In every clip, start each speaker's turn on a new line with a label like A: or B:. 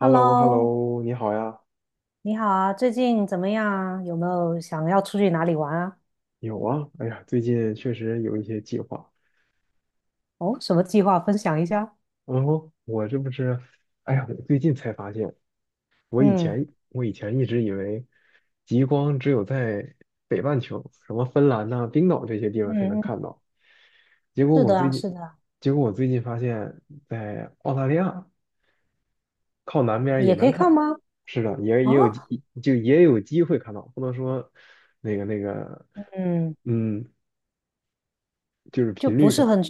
A: h e l l o h e l l
B: Hello，
A: o 你好呀。
B: 你好啊，最近怎么样啊？有没有想要出去哪里玩啊？
A: 有啊，哎呀，最近确实有一些计划。
B: 哦，什么计划分享一下？
A: 然后我这不是，哎呀，我最近才发现，我以
B: 嗯
A: 前我以前一直以为极光只有在北半球，什么芬兰呐、冰岛这些地方才能
B: 嗯
A: 看
B: 嗯，
A: 到。结果
B: 是
A: 我
B: 的
A: 最
B: 啊，
A: 近，
B: 是的啊，
A: 结果我最近发现，在澳大利亚靠南边也
B: 也可
A: 能
B: 以看
A: 看。
B: 吗？
A: 是的，也也有
B: 啊，
A: 机就也有机会看到，不能说那个那个，
B: 嗯，
A: 嗯，就是
B: 就
A: 频
B: 不
A: 率
B: 是
A: 看。
B: 很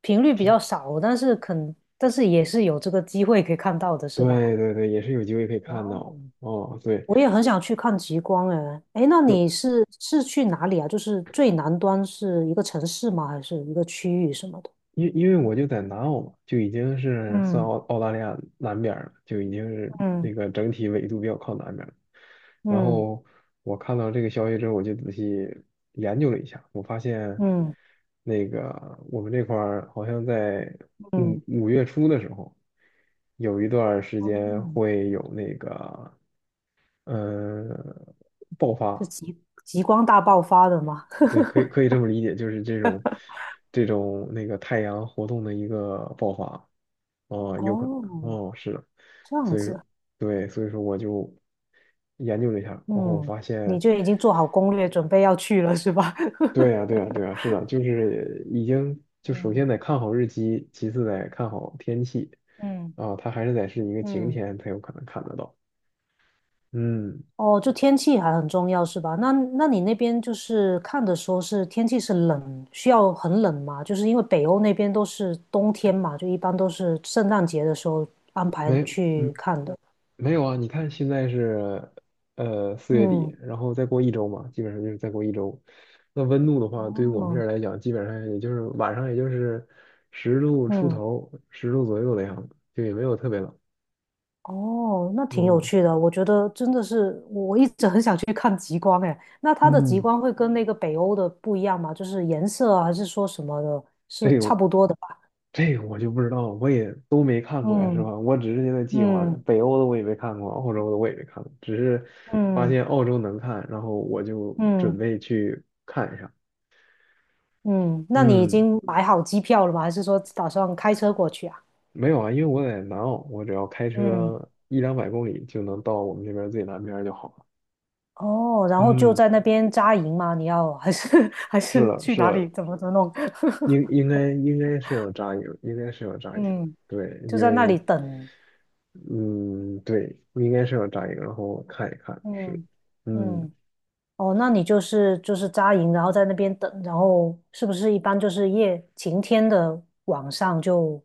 B: 频率比较少，但是也是有这个机会可以看到的，是吧？
A: 对对对，也是有机会可以
B: 哇
A: 看到
B: 哦，
A: 哦。对，
B: 我也很想去看极光哎，哎，那你是去哪里啊？就是最南端是一个城市吗？还是一个区域什么的？
A: 因为我就在南澳嘛，就已经是算
B: 嗯
A: 澳大利亚南边儿了，就已经是那
B: 嗯
A: 个整体纬度比较靠南边儿了。然
B: 嗯
A: 后我看到这个消息之后，我就仔细研究了一下，我发现
B: 嗯
A: 那个我们这块儿好像在五
B: 嗯，
A: 五月初的时候，有一段儿时间
B: 哦，
A: 会有那个呃爆
B: 是
A: 发，
B: 极光大爆发的吗？
A: 对，可以这么理解，就是这种那个太阳活动的一个爆发，哦，
B: 哦，
A: 哦，是的，
B: 这样
A: 所以说
B: 子，
A: 对，所以说我就研究了一下，然后
B: 嗯，
A: 发
B: 你
A: 现，
B: 就已经做好攻略，准备要去了是吧？
A: 对呀，对呀，对呀，是 的，就是已经就首先
B: 嗯
A: 得看好日期，其次得看好天气，
B: 嗯
A: 啊、它还是得是一个晴
B: 嗯，
A: 天才有可能看得到，嗯，
B: 哦，就天气还很重要是吧？那你那边就是看的时候是天气是冷，需要很冷吗？就是因为北欧那边都是冬天嘛，就一般都是圣诞节的时候安排
A: 没，嗯
B: 去看的。
A: 没有啊，你看现在是四月
B: 嗯，
A: 底，然后再过一周嘛，基本上就是再过一周。那温度的话，对于我们这
B: 哦，
A: 儿来讲，基本上也就是晚上也就是十度出
B: 嗯，
A: 头，10度左右的样子，就也没有特别冷。
B: 哦，那挺有
A: 嗯，
B: 趣的，我觉得真的是我一直很想去看极光哎。那它的极
A: 嗯，
B: 光会跟那个北欧的不一样吗？就是颜色啊，还是说什么的，是
A: 这
B: 差
A: 个
B: 不多的吧？
A: 这个我就不知道，我也都没看过呀，是
B: 嗯
A: 吧？我只是现在计划着，
B: 嗯
A: 北欧的我也没看过，澳洲的我也没看过，只是发
B: 嗯
A: 现澳洲能看，然后我就准
B: 嗯
A: 备去看一下。
B: 嗯，那你已
A: 嗯。
B: 经买好机票了吗？还是说打算开车过去啊？
A: 没有啊，因为我在南澳，我只要开
B: 嗯，
A: 车一两百公里就能到我们这边最南边儿就好了。
B: 哦，然后就
A: 嗯，
B: 在那边扎营吗？你要还是 还
A: 是
B: 是
A: 的，
B: 去
A: 是
B: 哪
A: 的，
B: 里？怎么弄？
A: 应该是有扎营，应该是有 扎营。
B: 嗯，
A: 对，
B: 就
A: 因
B: 在那
A: 为
B: 里等。
A: 嗯，对，应该是有扎营，然后看一看，是，
B: 嗯
A: 嗯，
B: 嗯。哦，那你就是扎营，然后在那边等，然后是不是一般就是夜晴天的晚上就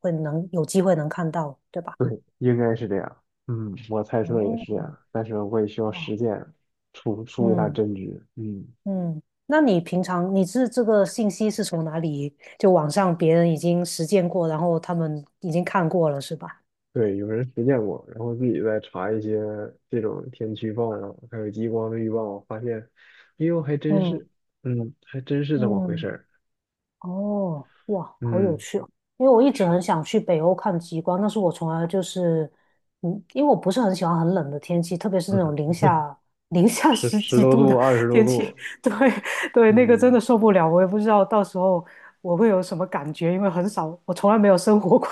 B: 会能有机会能看到，对吧？
A: 对，应该是这样。嗯，我猜测也
B: 哦，
A: 是这样，但是我也需要
B: 哇，
A: 实践，出一下
B: 嗯
A: 真知。嗯。
B: 嗯，那你平常你是这个信息是从哪里？就网上别人已经实践过，然后他们已经看过了，是吧？
A: 对，有人实践过，然后自己再查一些这种天气预报啊，还有极光的预报，发现，哎呦，还真
B: 嗯
A: 是，嗯，还真是这么回事
B: 嗯，
A: 儿，
B: 哦，哇，好有
A: 嗯，
B: 趣哦！因为我一直很想去北欧看极光，但是我从来就是，嗯，因为我不是很喜欢很冷的天气，特别是那种零下
A: 十
B: 十
A: 十
B: 几
A: 多
B: 度
A: 度、
B: 的
A: 二十 多
B: 天气，
A: 度，
B: 对对，那个真
A: 嗯，
B: 的受不了。我也不知道到时候我会有什么感觉，因为很少，我从来没有生活过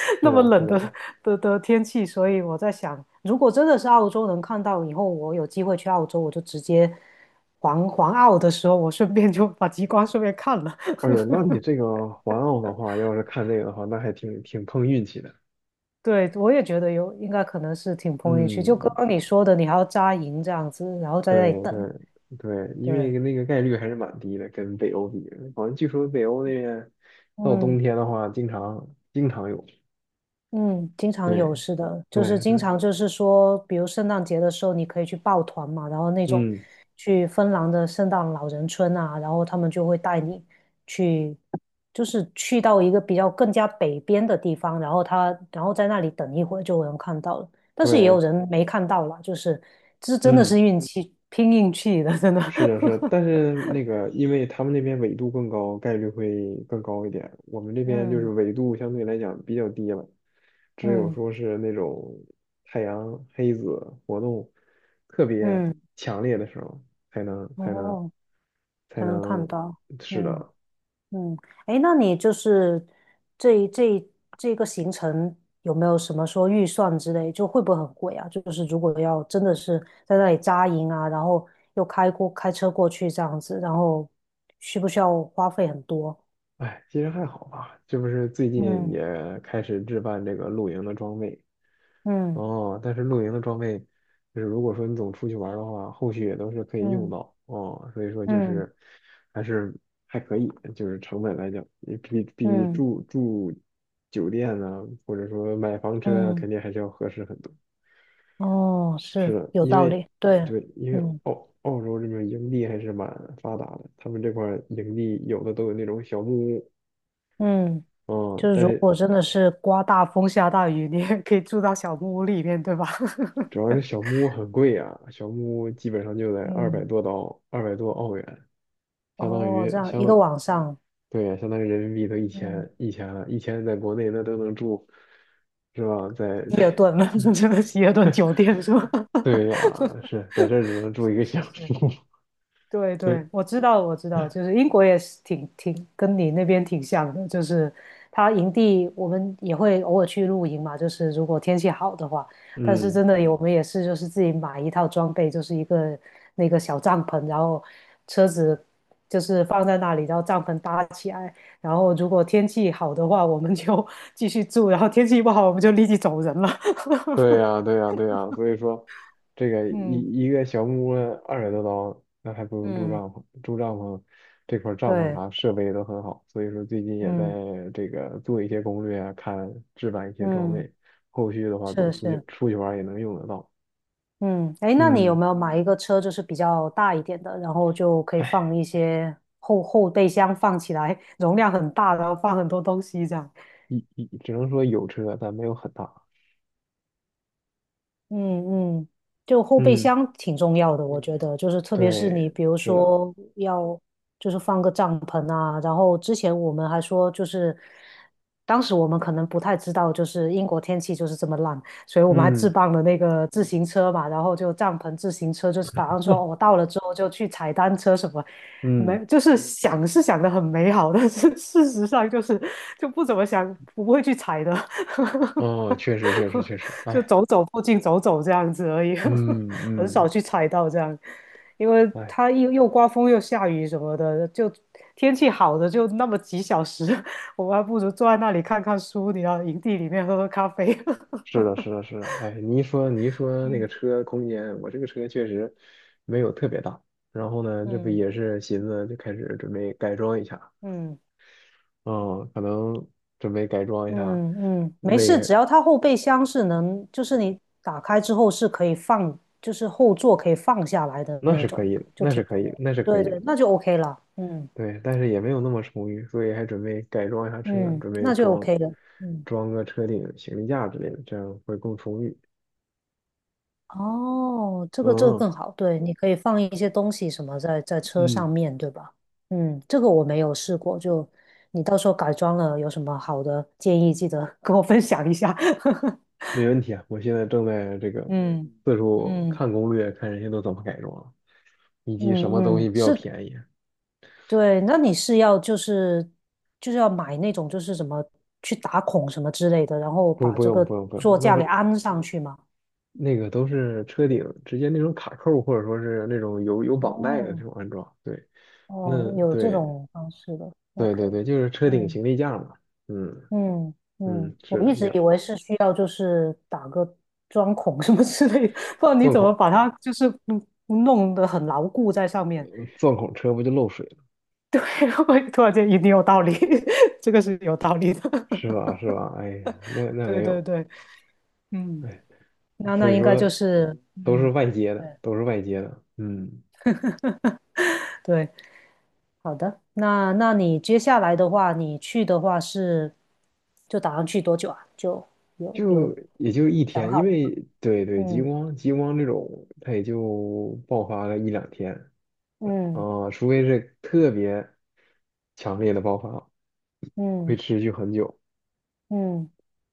A: 是
B: 那么
A: 的，是
B: 冷
A: 的，
B: 的天气，所以我在想，如果真的是澳洲能看到，以后我有机会去澳洲，我就直接环澳的时候，我顺便就把极光顺便看了。
A: 哎呦，那你这个环澳的话，要是看这个的话，那还挺碰运气的，
B: 对，我也觉得有，应该可能是挺碰运气。就刚
A: 嗯，
B: 刚你说的，你还要扎营这样子，然后在那里
A: 对对
B: 等。
A: 对，因为
B: 对，
A: 那个概率还是蛮低的，跟北欧比，好像据说北欧那边到冬
B: 嗯
A: 天的话，经常有。
B: 嗯，经常有，
A: 对，
B: 是的，就是
A: 对
B: 经
A: 对，
B: 常就是说，比如圣诞节的时候，你可以去抱团嘛，然后那种
A: 嗯，
B: 去芬兰的圣诞老人村啊，然后他们就会带你去，就是去到一个比较更加北边的地方，然后他然后在那里等一会儿就能看到了，但是也有
A: 对，
B: 人没看到啦，就是这真的
A: 嗯，
B: 是运气，拼运气的，真的。
A: 是的，是的，但 是那个，因为他们那边纬度更高，概率会更高一点。我们这边就是
B: 嗯
A: 纬度相对来讲比较低了，只有
B: 嗯
A: 说是那种太阳黑子活动特别
B: 嗯，
A: 强烈的时候，才能才能
B: 哦，
A: 才
B: 才能看
A: 能，
B: 到，
A: 是
B: 嗯
A: 的。
B: 嗯，哎，那你就是这一这一这个行程有没有什么说预算之类，就会不会很贵啊？就是如果要真的是在那里扎营啊，然后又开车过去这样子，然后需不需要花费很多？
A: 哎，其实还好吧，这不是最近
B: 嗯
A: 也开始置办这个露营的装备，
B: 嗯
A: 哦，但是露营的装备，就是如果说你总出去玩儿的话，后续也都是可以用
B: 嗯
A: 到哦。所以说就
B: 嗯
A: 是还是还可以，就是成本来讲，也比
B: 嗯
A: 住酒店呢、或者说买房车啊，
B: 嗯，嗯，
A: 肯定还是要合适很多。
B: 哦，
A: 是
B: 是
A: 的，
B: 有
A: 因
B: 道
A: 为
B: 理，对，
A: 对，因为
B: 嗯
A: 澳洲这边营地还是蛮发达的，他们这块儿营地有的都有那种小木屋，
B: 嗯。
A: 嗯，
B: 就是
A: 但
B: 如果
A: 是
B: 真的是刮大风下大雨，你也可以住到小木屋里面，对吧？
A: 主要是小木屋很贵啊，小木屋基本上就得二百
B: 嗯，
A: 多刀，200多澳元。相当
B: 哦，这
A: 于
B: 样
A: 相
B: 一个
A: 当
B: 晚上，
A: 对呀，相当于人民币都一
B: 嗯，
A: 千一千了，一千在国内那都能住，是吧？
B: 希尔顿，这的希尔顿酒店是吧？
A: 对 呀，是在这儿只能住一个
B: 是
A: 小
B: 是
A: 时，
B: 是，对
A: 所以
B: 对，我知道，我知道，就是英国也是挺挺跟你那边挺像的，就是它营地我们也会偶尔去露营嘛，就是如果天气好的话，但是
A: 嗯，
B: 真的有我们也是就是自己买一套装备，就是一个那个小帐篷，然后车子就是放在那里，然后帐篷搭起来，然后如果天气好的话，我们就 继续住，然后天气不好我们就立即走人了。
A: 对呀，对呀，对呀，所以说这个
B: 嗯
A: 一个小木屋二百多刀，那还不如住
B: 嗯，
A: 帐篷，住帐篷这块儿帐篷
B: 对，
A: 啥设备也都很好，所以说最近也
B: 嗯
A: 在这个做一些攻略啊，看置办一些装
B: 嗯，
A: 备，后续的话总
B: 是
A: 出去
B: 是。
A: 出去玩儿也能用得到，
B: 嗯，哎，那你有
A: 嗯。
B: 没有买一个车，就是比较大一点的，然后就可以
A: 哎
B: 放一些后备箱放起来，容量很大，然后放很多东西这样？
A: 只能说有车，但没有很大。
B: 嗯嗯，就后备
A: 嗯，
B: 箱挺重要的，我觉得，就是特别是你
A: 对，
B: 比如
A: 是的，
B: 说要就是放个帐篷啊，然后之前我们还说就是，当时我们可能不太知道，就是英国天气就是这么烂，所以我们还置
A: 嗯
B: 办了那个自行车嘛，然后就帐篷、自行车，就是打算说哦 到了之后就去踩单车什么，
A: 嗯，
B: 没就是想是想的很美好，但是事实上就是就不怎么想，不会去踩的。
A: 哦，确实确实 确实，
B: 就
A: 哎，
B: 走走附近走走这样子而已，
A: 嗯
B: 很少
A: 嗯，
B: 去踩到这样，因为
A: 哎，
B: 它又刮风又下雨什么的，就天气好的就那么几小时，我们还不如坐在那里看看书，你要营地里面喝喝咖啡。
A: 是的是的是的，哎，你一说那个
B: 嗯
A: 车空间，我这个车确实没有特别大，然后呢，这不
B: 嗯
A: 也是寻思就开始准备改装一下，
B: 嗯
A: 嗯，可能准备改装一下，
B: 嗯嗯，没事，
A: 为
B: 只要它后备箱是能，就是你打开之后是可以放，就是后座可以放下来的
A: 那是
B: 那
A: 可
B: 种，
A: 以的，
B: 就
A: 那是
B: 挺
A: 可以
B: 重
A: 的，
B: 要的
A: 那是可
B: 对
A: 以的。
B: 对，那就 OK 了。嗯
A: 对，但是也没有那么充裕，所以还准备改装一下车，
B: 嗯，
A: 准备
B: 那就
A: 装
B: OK 了。嗯。
A: 装个车顶、行李架之类的，这样会更充裕。
B: 哦，这个这个
A: 嗯
B: 更好，对，你可以放一些东西什么在车
A: 嗯，
B: 上面对吧？嗯，这个我没有试过，就你到时候改装了有什么好的建议，记得跟我分享一下。
A: 没问题啊！我现在正在这个
B: 嗯
A: 四处
B: 嗯
A: 看攻略，看人家都怎么改装，以及什么东
B: 嗯嗯，
A: 西比较
B: 是，
A: 便宜。
B: 对，那你是要就是要买那种就是什么去打孔什么之类的，然后
A: 不，
B: 把
A: 不
B: 这
A: 用，
B: 个
A: 不用，不用，
B: 座
A: 那
B: 架
A: 不
B: 给安上去吗？
A: 那个都是车顶直接那种卡扣，或者说是那种有绑带的这
B: 哦
A: 种安装。对，那
B: 哦，有这
A: 对
B: 种方式的
A: 对
B: ，OK，
A: 对对，就是车顶
B: 嗯
A: 行李架嘛。嗯
B: 嗯嗯，
A: 嗯，是
B: 我
A: 的，
B: 一
A: 你
B: 直
A: 要。
B: 以为是需要就是打个钻孔什么之类的，不然你
A: 钻
B: 怎么
A: 孔。
B: 把它就是嗯弄得很牢固在上面？
A: 钻孔车不就漏水了，
B: 对，我突然间一定有道理，这个是有道理的。
A: 是 吧？是吧？哎呀，那
B: 对
A: 没
B: 对
A: 有，
B: 对，嗯，
A: 哎，
B: 那
A: 所
B: 那
A: 以
B: 应该就
A: 说
B: 是
A: 都是
B: 嗯，
A: 外接
B: 对
A: 的，都是外接的，嗯，
B: 对，好的。那你接下来的话，你去的话是就打算去多久啊？就有
A: 就也就一
B: 想
A: 天，因
B: 好了
A: 为
B: 吗？
A: 对对，极
B: 嗯
A: 光极光这种，它也就爆发了一两天
B: 嗯
A: 啊，除非是特别强烈的爆发，会
B: 嗯
A: 持续很久。
B: 嗯。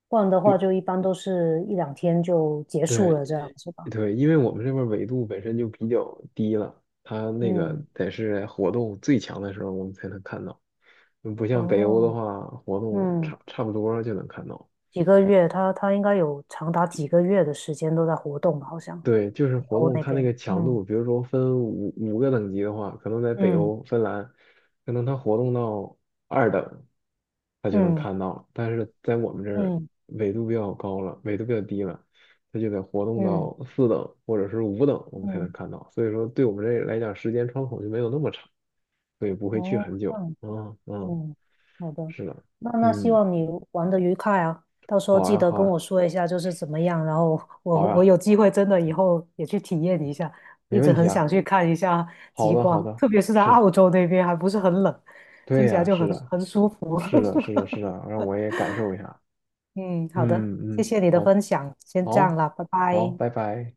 B: 不然的话就
A: 就
B: 一般都是一两天就结束
A: 对
B: 了这样子吧。
A: 对，因为我们这边儿纬度本身就比较低了，它那个
B: 嗯，
A: 得是活动最强的时候，我们才能看到。嗯不像北欧
B: 哦，
A: 的话，活动
B: 嗯，
A: 差不多就能看到。
B: 几个月，他应该有长达几个月的时间都在活动吧，好像
A: 对，就是
B: 北
A: 活
B: 欧
A: 动
B: 那
A: 看那
B: 边。
A: 个强度，
B: 嗯
A: 比如说分五个等级的话，可能在北
B: 嗯
A: 欧芬兰，可能它活动到二等，它就能
B: 嗯
A: 看到了。但是在我们这儿
B: 嗯
A: 纬度比较高了，纬度比较低了，它就得活动
B: 嗯
A: 到四等或者是五等，我们才能
B: 嗯，
A: 看到。所以说，对我们这来讲，时间窗口就没有那么长，所以不会去
B: 哦，
A: 很
B: 这
A: 久。
B: 样。
A: 嗯嗯，
B: 嗯，好的，
A: 是的，
B: 那希
A: 嗯，
B: 望你玩的愉快啊，到时候
A: 好
B: 记
A: 呀
B: 得
A: 好
B: 跟
A: 呀
B: 我说一下就是怎么样，然后我
A: 好
B: 我
A: 呀，
B: 有机会真的以后也去体验一下，一
A: 没问
B: 直
A: 题
B: 很
A: 啊。
B: 想去看一下
A: 好
B: 极
A: 的，好
B: 光，
A: 的，
B: 特别是在
A: 是的，
B: 澳洲那边还不是很冷，
A: 对
B: 听起来
A: 呀，
B: 就
A: 是
B: 很
A: 的，
B: 很舒服。
A: 是的，是的，是的，让我也感受一下。
B: 嗯，好的，
A: 嗯
B: 谢
A: 嗯，
B: 谢你的
A: 好，
B: 分享，先这样
A: 好，
B: 啦，拜
A: 好，
B: 拜。
A: 拜拜。